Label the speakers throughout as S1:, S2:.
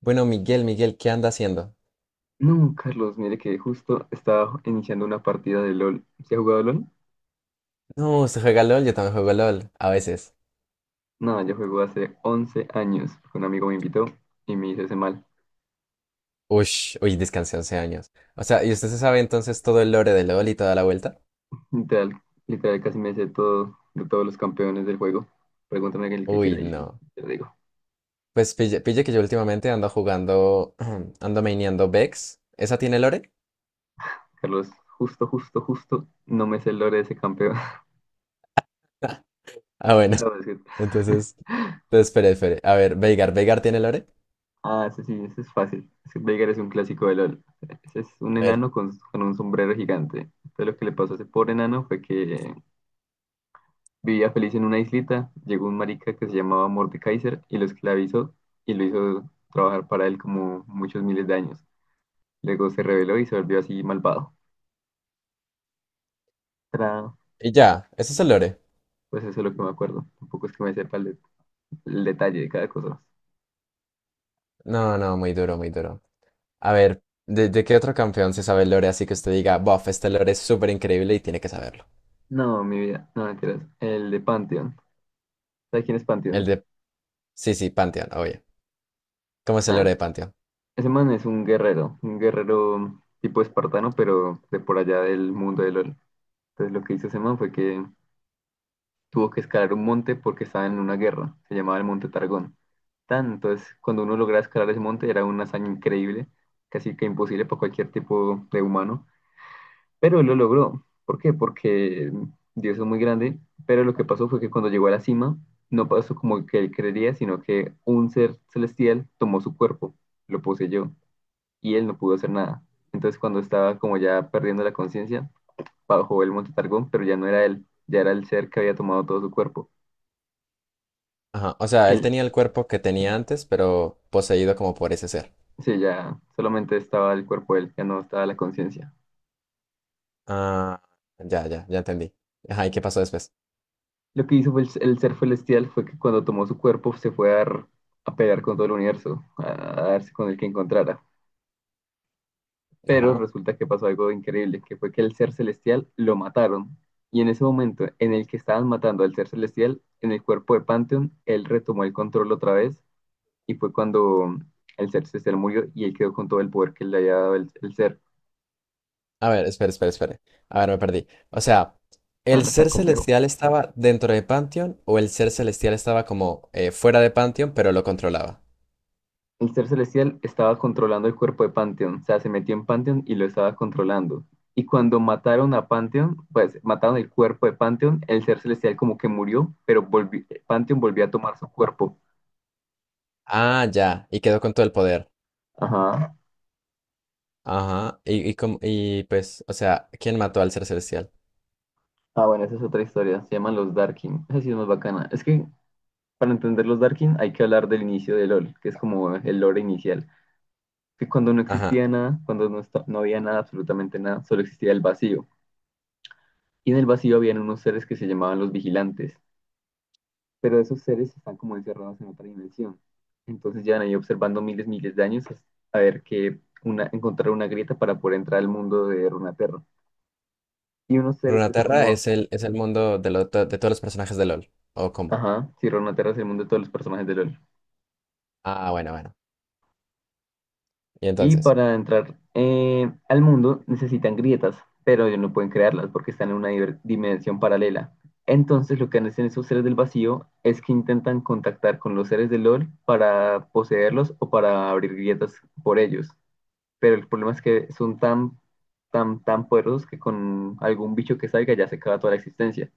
S1: Bueno, Miguel, ¿qué anda haciendo?
S2: No, Carlos, mire que justo estaba iniciando una partida de LOL. ¿Se ha jugado LOL?
S1: No, usted juega LOL, yo también juego LOL, a veces.
S2: No, yo juego hace 11 años. Un amigo me invitó y me hizo ese mal.
S1: Uy, uy, descansé 11 años. O sea, ¿y usted se sabe entonces todo el lore de LOL y toda la vuelta?
S2: Literal, literal casi me sé todo de todos los campeones del juego. Pregúntame el que quiera
S1: Uy,
S2: y
S1: no.
S2: te lo digo.
S1: Pues pille que yo últimamente ando jugando, ando maineando Vex. ¿Esa tiene lore?
S2: Carlos, justo, no me sé el lore de ese campeón.
S1: Ah, bueno,
S2: No,
S1: entonces, entonces, espere. A ver, Veigar, ¿Veigar tiene lore?
S2: Ah, ese sí, ese es fácil. Es que Veigar es un clásico de LOL. Ese es un
S1: A ver,
S2: enano con un sombrero gigante. Entonces lo que le pasó a ese pobre enano fue que vivía feliz en una islita, llegó un marica que se llamaba Mordekaiser y lo esclavizó y lo hizo trabajar para él como muchos miles de años. Luego se rebeló y se volvió así malvado. Tra-
S1: y ya, ¿eso es el lore?
S2: Pues eso es lo que me acuerdo. Tampoco es que me sepa el detalle de cada cosa.
S1: No, no, muy duro, muy duro. A ver, ¿de qué otro campeón se sabe el lore así que usted diga, bof, este lore es súper increíble y tiene que saberlo?
S2: No, mi vida, no mentiras. El de Pantheon. ¿Sabes quién es
S1: El
S2: Pantheon?
S1: de... Sí, sí, Pantheon, obvio. ¿Cómo es el
S2: Ah,
S1: lore de Pantheon?
S2: ese man es un guerrero tipo espartano, pero de por allá del mundo de LOL. Entonces lo que hizo ese man fue que tuvo que escalar un monte porque estaba en una guerra. Se llamaba el Monte Targón. Tanto es, cuando uno logra escalar ese monte era una hazaña increíble, casi que imposible para cualquier tipo de humano, pero él lo logró. ¿Por qué? Porque Dios es muy grande, pero lo que pasó fue que cuando llegó a la cima, no pasó como que él creería, sino que un ser celestial tomó su cuerpo, lo poseyó, y él no pudo hacer nada. Entonces cuando estaba como ya perdiendo la conciencia, bajó el monte Targón, pero ya no era él, ya era el ser que había tomado todo su cuerpo.
S1: Ajá. O sea, él
S2: Él,
S1: tenía el cuerpo que tenía antes, pero poseído como por ese ser.
S2: sí, ya solamente estaba el cuerpo de él, ya no estaba la conciencia.
S1: Ah, ya, ya, ya entendí. Ajá, ¿y qué pasó después?
S2: Lo que hizo fue el ser celestial fue que cuando tomó su cuerpo se fue a pelear con todo el universo, a darse con el que encontrara. Pero
S1: Ajá.
S2: resulta que pasó algo increíble, que fue que el ser celestial lo mataron. Y en ese momento en el que estaban matando al ser celestial, en el cuerpo de Pantheon, él retomó el control otra vez y fue cuando el ser celestial murió y él quedó con todo el poder que le había dado el ser.
S1: A ver, espere, espere. A ver, me perdí. O sea,
S2: No,
S1: ¿el
S2: no es tan
S1: ser
S2: complejo.
S1: celestial estaba dentro de Pantheon o el ser celestial estaba como fuera de Pantheon, pero lo controlaba?
S2: El ser celestial estaba controlando el cuerpo de Pantheon, o sea, se metió en Pantheon y lo estaba controlando. Y cuando mataron a Pantheon, pues mataron el cuerpo de Pantheon, el ser celestial como que murió, pero volvió, Pantheon volvió a tomar su cuerpo.
S1: Ah, ya, y quedó con todo el poder.
S2: Ajá.
S1: Ajá. Y pues, o sea, ¿quién mató al ser celestial?
S2: Ah, bueno, esa es otra historia, se llaman los Darkin. Esa sí es más bacana. Es que para entender los Darkin hay que hablar del inicio de LOL, que es como el lore inicial. Que cuando no
S1: Ajá.
S2: existía nada, cuando no, está, no había nada, absolutamente nada, solo existía el vacío. Y en el vacío habían unos seres que se llamaban los vigilantes, pero esos seres están como encerrados en otra dimensión. Entonces llevan ahí observando miles de años hasta- a ver que una, encontrar una grieta para poder entrar al mundo de Runaterra. Y unos seres que son
S1: Runeterra
S2: como,
S1: es es el mundo de, de todos los personajes de LOL. ¿O cómo?
S2: ajá, sí, Runaterra es el mundo de todos los personajes de LOL.
S1: Ah, bueno, bueno. Y
S2: Y
S1: entonces,
S2: para entrar al mundo necesitan grietas, pero ellos no pueden crearlas porque están en una dimensión paralela. Entonces lo que hacen esos seres del vacío es que intentan contactar con los seres de LOL para poseerlos o para abrir grietas por ellos. Pero el problema es que son tan, tan, tan poderosos que con algún bicho que salga ya se acaba toda la existencia.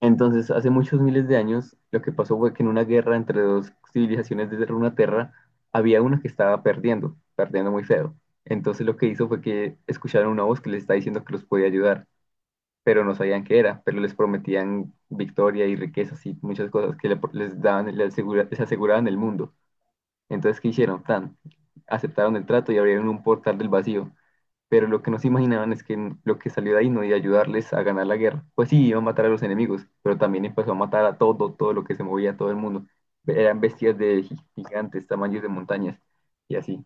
S2: Entonces, hace muchos miles de años, lo que pasó fue que en una guerra entre dos civilizaciones de Runaterra, había una que estaba perdiendo, perdiendo muy feo. Entonces, lo que hizo fue que escucharon una voz que les está diciendo que los podía ayudar, pero no sabían qué era, pero les prometían victoria y riquezas y muchas cosas que les daban, les, les aseguraban el mundo. Entonces, ¿qué hicieron? Tan, aceptaron el trato y abrieron un portal del vacío, pero lo que no se imaginaban es que lo que salió de ahí no iba a ayudarles a ganar la guerra. Pues sí, iba a matar a los enemigos, pero también empezó a matar a todo, todo lo que se movía, a todo el mundo. Eran bestias de gigantes, tamaños de montañas y así.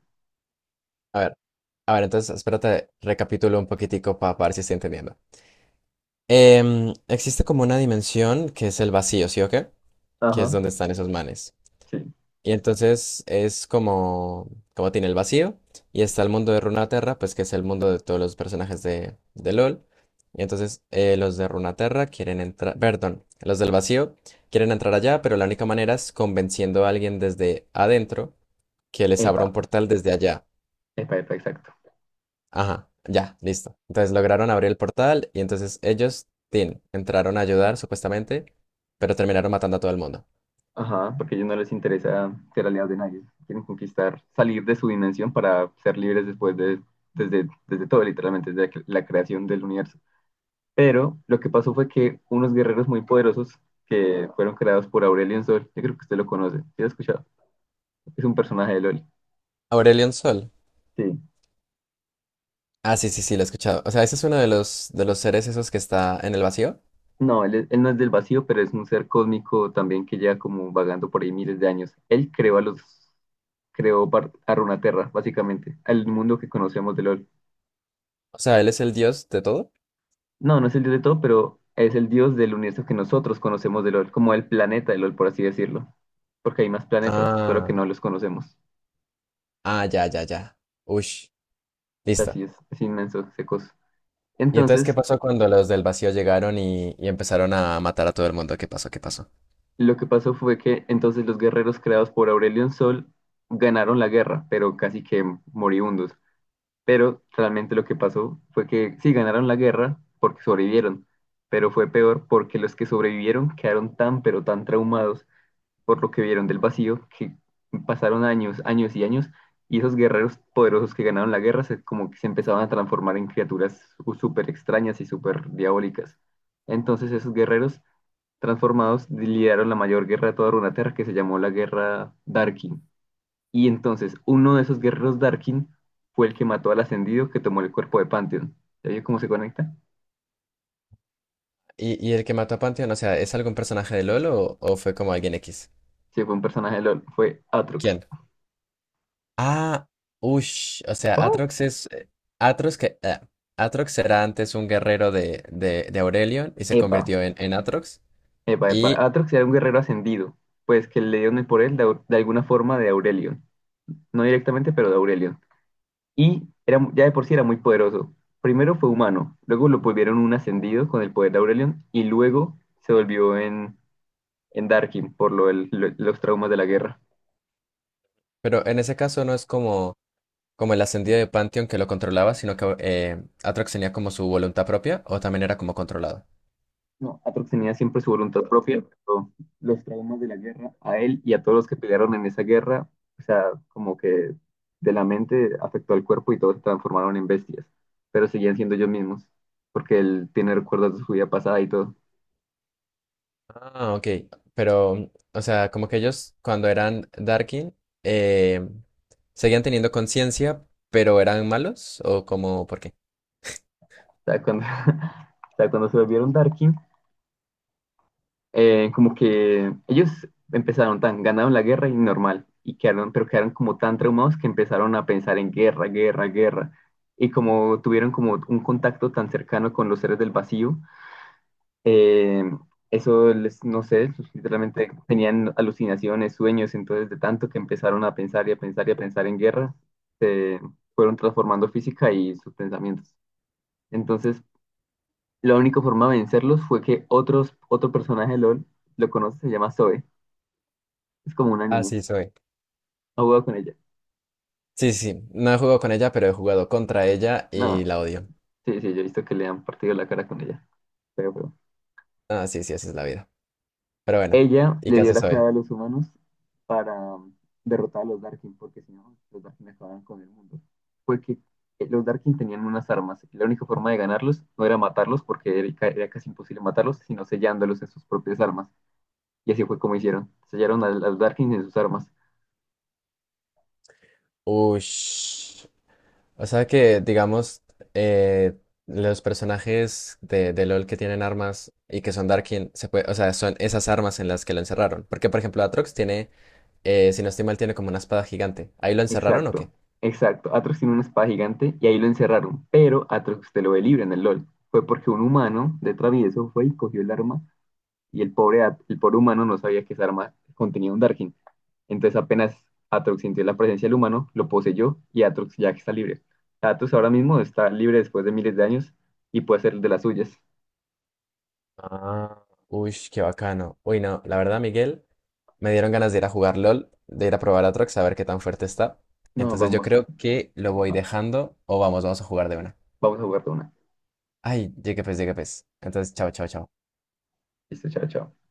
S1: a ver, a ver, entonces espérate, recapitulo un poquitico para ver si estoy entendiendo. Existe como una dimensión que es el vacío, ¿sí o qué? Que es
S2: Ajá,
S1: donde están esos manes.
S2: sí.
S1: Y entonces es como, como tiene el vacío y está el mundo de Runaterra, pues que es el mundo de todos los personajes de LOL. Y entonces los de Runaterra quieren entrar, perdón, los del vacío quieren entrar allá, pero la única manera es convenciendo a alguien desde adentro que les abra un
S2: Epa,
S1: portal desde allá.
S2: epa, epa, exacto.
S1: Ajá, ya, listo. Entonces lograron abrir el portal y entonces ellos, tin, entraron a ayudar supuestamente, pero terminaron matando a todo el mundo.
S2: Ajá, porque a ellos no les interesa ser aliados de nadie. Quieren conquistar, salir de su dimensión para ser libres después desde todo, literalmente, desde la creación del universo. Pero lo que pasó fue que unos guerreros muy poderosos que fueron creados por Aurelion Sol, yo creo que usted lo conoce, ¿sí lo ha escuchado? Es un personaje de LOL.
S1: Aurelion Sol.
S2: Sí.
S1: Ah, sí, sí, sí, lo he escuchado. O sea, ese es uno de de los seres esos que está en el vacío.
S2: No, él, él no es del vacío, pero es un ser cósmico también que lleva como vagando por ahí miles de años. Él creó a los, creó a Runaterra, básicamente, al mundo que conocemos de LOL.
S1: O sea, él es el dios de todo.
S2: No, no es el dios de todo, pero es el dios del universo que nosotros conocemos de LOL, como el planeta de LOL, por así decirlo. Porque hay más planetas, solo que
S1: Ah,
S2: no los conocemos.
S1: ah, ya, ya, ya. Ush, listo.
S2: Así es inmenso ese coso.
S1: ¿Y entonces qué
S2: Entonces,
S1: pasó cuando los del vacío llegaron y empezaron a matar a todo el mundo? ¿Qué pasó? ¿Qué pasó?
S2: lo que pasó fue que entonces los guerreros creados por Aurelion Sol ganaron la guerra, pero casi que moribundos. Pero realmente lo que pasó fue que sí ganaron la guerra porque sobrevivieron, pero fue peor porque los que sobrevivieron quedaron tan pero tan traumados por lo que vieron del vacío que pasaron años, años y años y esos guerreros poderosos que ganaron la guerra como que se empezaban a transformar en criaturas súper extrañas y súper diabólicas. Entonces esos guerreros transformados lideraron la mayor guerra de toda Runeterra que se llamó la Guerra Darkin. Y entonces uno de esos guerreros Darkin fue el que mató al ascendido que tomó el cuerpo de Pantheon. ¿Ya vio cómo se conecta?
S1: ¿Y el que mató a Pantheon, o sea, es algún personaje de LoL o fue como alguien X?
S2: Sí, fue un personaje de LOL, fue Atrox.
S1: ¿Quién? Ah, ush, o sea,
S2: ¿What?
S1: Atrox es... Atrox que... Atrox era antes un guerrero de Aurelion y se
S2: Epa,
S1: convirtió en Atrox.
S2: epa, epa.
S1: Y...
S2: Atrox era un guerrero ascendido, pues que le dieron el por él de, alguna forma de Aurelion. No directamente, pero de Aurelion. Y era, ya de por sí era muy poderoso. Primero fue humano, luego lo volvieron un ascendido con el poder de Aurelion y luego se volvió en Darkin por lo los traumas de la guerra.
S1: Pero en ese caso no es como, como el ascendido de Pantheon que lo controlaba, sino que Aatrox tenía como su voluntad propia o también era como controlado.
S2: No, Atrox tenía siempre su voluntad propia, pero los traumas de la guerra a él y a todos los que pelearon en esa guerra, o sea, como que de la mente afectó al cuerpo y todos se transformaron en bestias, pero seguían siendo ellos mismos, porque él tiene recuerdos de su vida pasada y todo.
S1: Ah, ok. Pero, mm, o sea, como que ellos cuando eran Darkin eh, seguían teniendo conciencia, pero eran malos o como, ¿por qué?
S2: O sea, cuando, o sea, cuando se volvieron Darkin, como que ellos empezaron tan, ganaron la guerra y normal, y quedaron, pero quedaron como tan traumados que empezaron a pensar en guerra, guerra, guerra. Y como tuvieron como un contacto tan cercano con los seres del vacío, eh, eso les, no sé, literalmente tenían alucinaciones, sueños, entonces de tanto que empezaron a pensar y a pensar y a pensar en guerra, se fueron transformando física y sus pensamientos. Entonces, la única forma de vencerlos fue que otro personaje de LOL lo conoce, se llama Zoe. Es como una
S1: Ah,
S2: niña.
S1: sí, soy.
S2: Ha jugado con ella.
S1: Sí, sí, no he jugado con ella, pero he jugado contra ella y
S2: No,
S1: la odio.
S2: sí, sí, yo he visto que le han partido la cara con ella. Pero, pero-
S1: Ah, sí, sí, así es la vida. Pero bueno,
S2: Ella
S1: ¿y
S2: le
S1: qué
S2: dio
S1: hace
S2: la
S1: Zoe?
S2: clave a los humanos para derrotar a los Darkin, porque si no, los Darkin acababan con el mundo. Fue que los Darkin tenían unas armas y la única forma de ganarlos no era matarlos, porque era, era casi imposible matarlos, sino sellándolos en sus propias armas. Y así fue como hicieron. Sellaron a los Darkin en sus armas.
S1: Ush. O sea que, digamos, eh, los personajes de LOL que tienen armas y que son Darkin, se puede, o sea, son esas armas en las que lo encerraron. Porque, por ejemplo, Atrox tiene, si no estoy mal, tiene como una espada gigante. ¿Ahí lo encerraron o
S2: Exacto,
S1: qué?
S2: exacto. Atrox tiene una espada gigante y ahí lo encerraron, pero Atrox te lo ve libre en el LOL. Fue porque un humano de travieso fue y cogió el arma y el pobre, el pobre humano no sabía que esa arma contenía un Darkin. Entonces apenas Atrox sintió la presencia del humano, lo poseyó y Atrox ya está libre. Atrox ahora mismo está libre después de miles de años y puede ser de las suyas.
S1: Ah, uy, qué bacano. Uy, no, la verdad, Miguel, me dieron ganas de ir a jugar LOL, de ir a probar Atrox, a ver qué tan fuerte está.
S2: No,
S1: Entonces yo
S2: vamos,
S1: creo que lo voy
S2: va-
S1: dejando o vamos, vamos a jugar de una.
S2: vamos a jugar de una.
S1: Ay, llegué pues, llegué pues. Entonces, chao, chao, chao.
S2: Listo, chao, chao.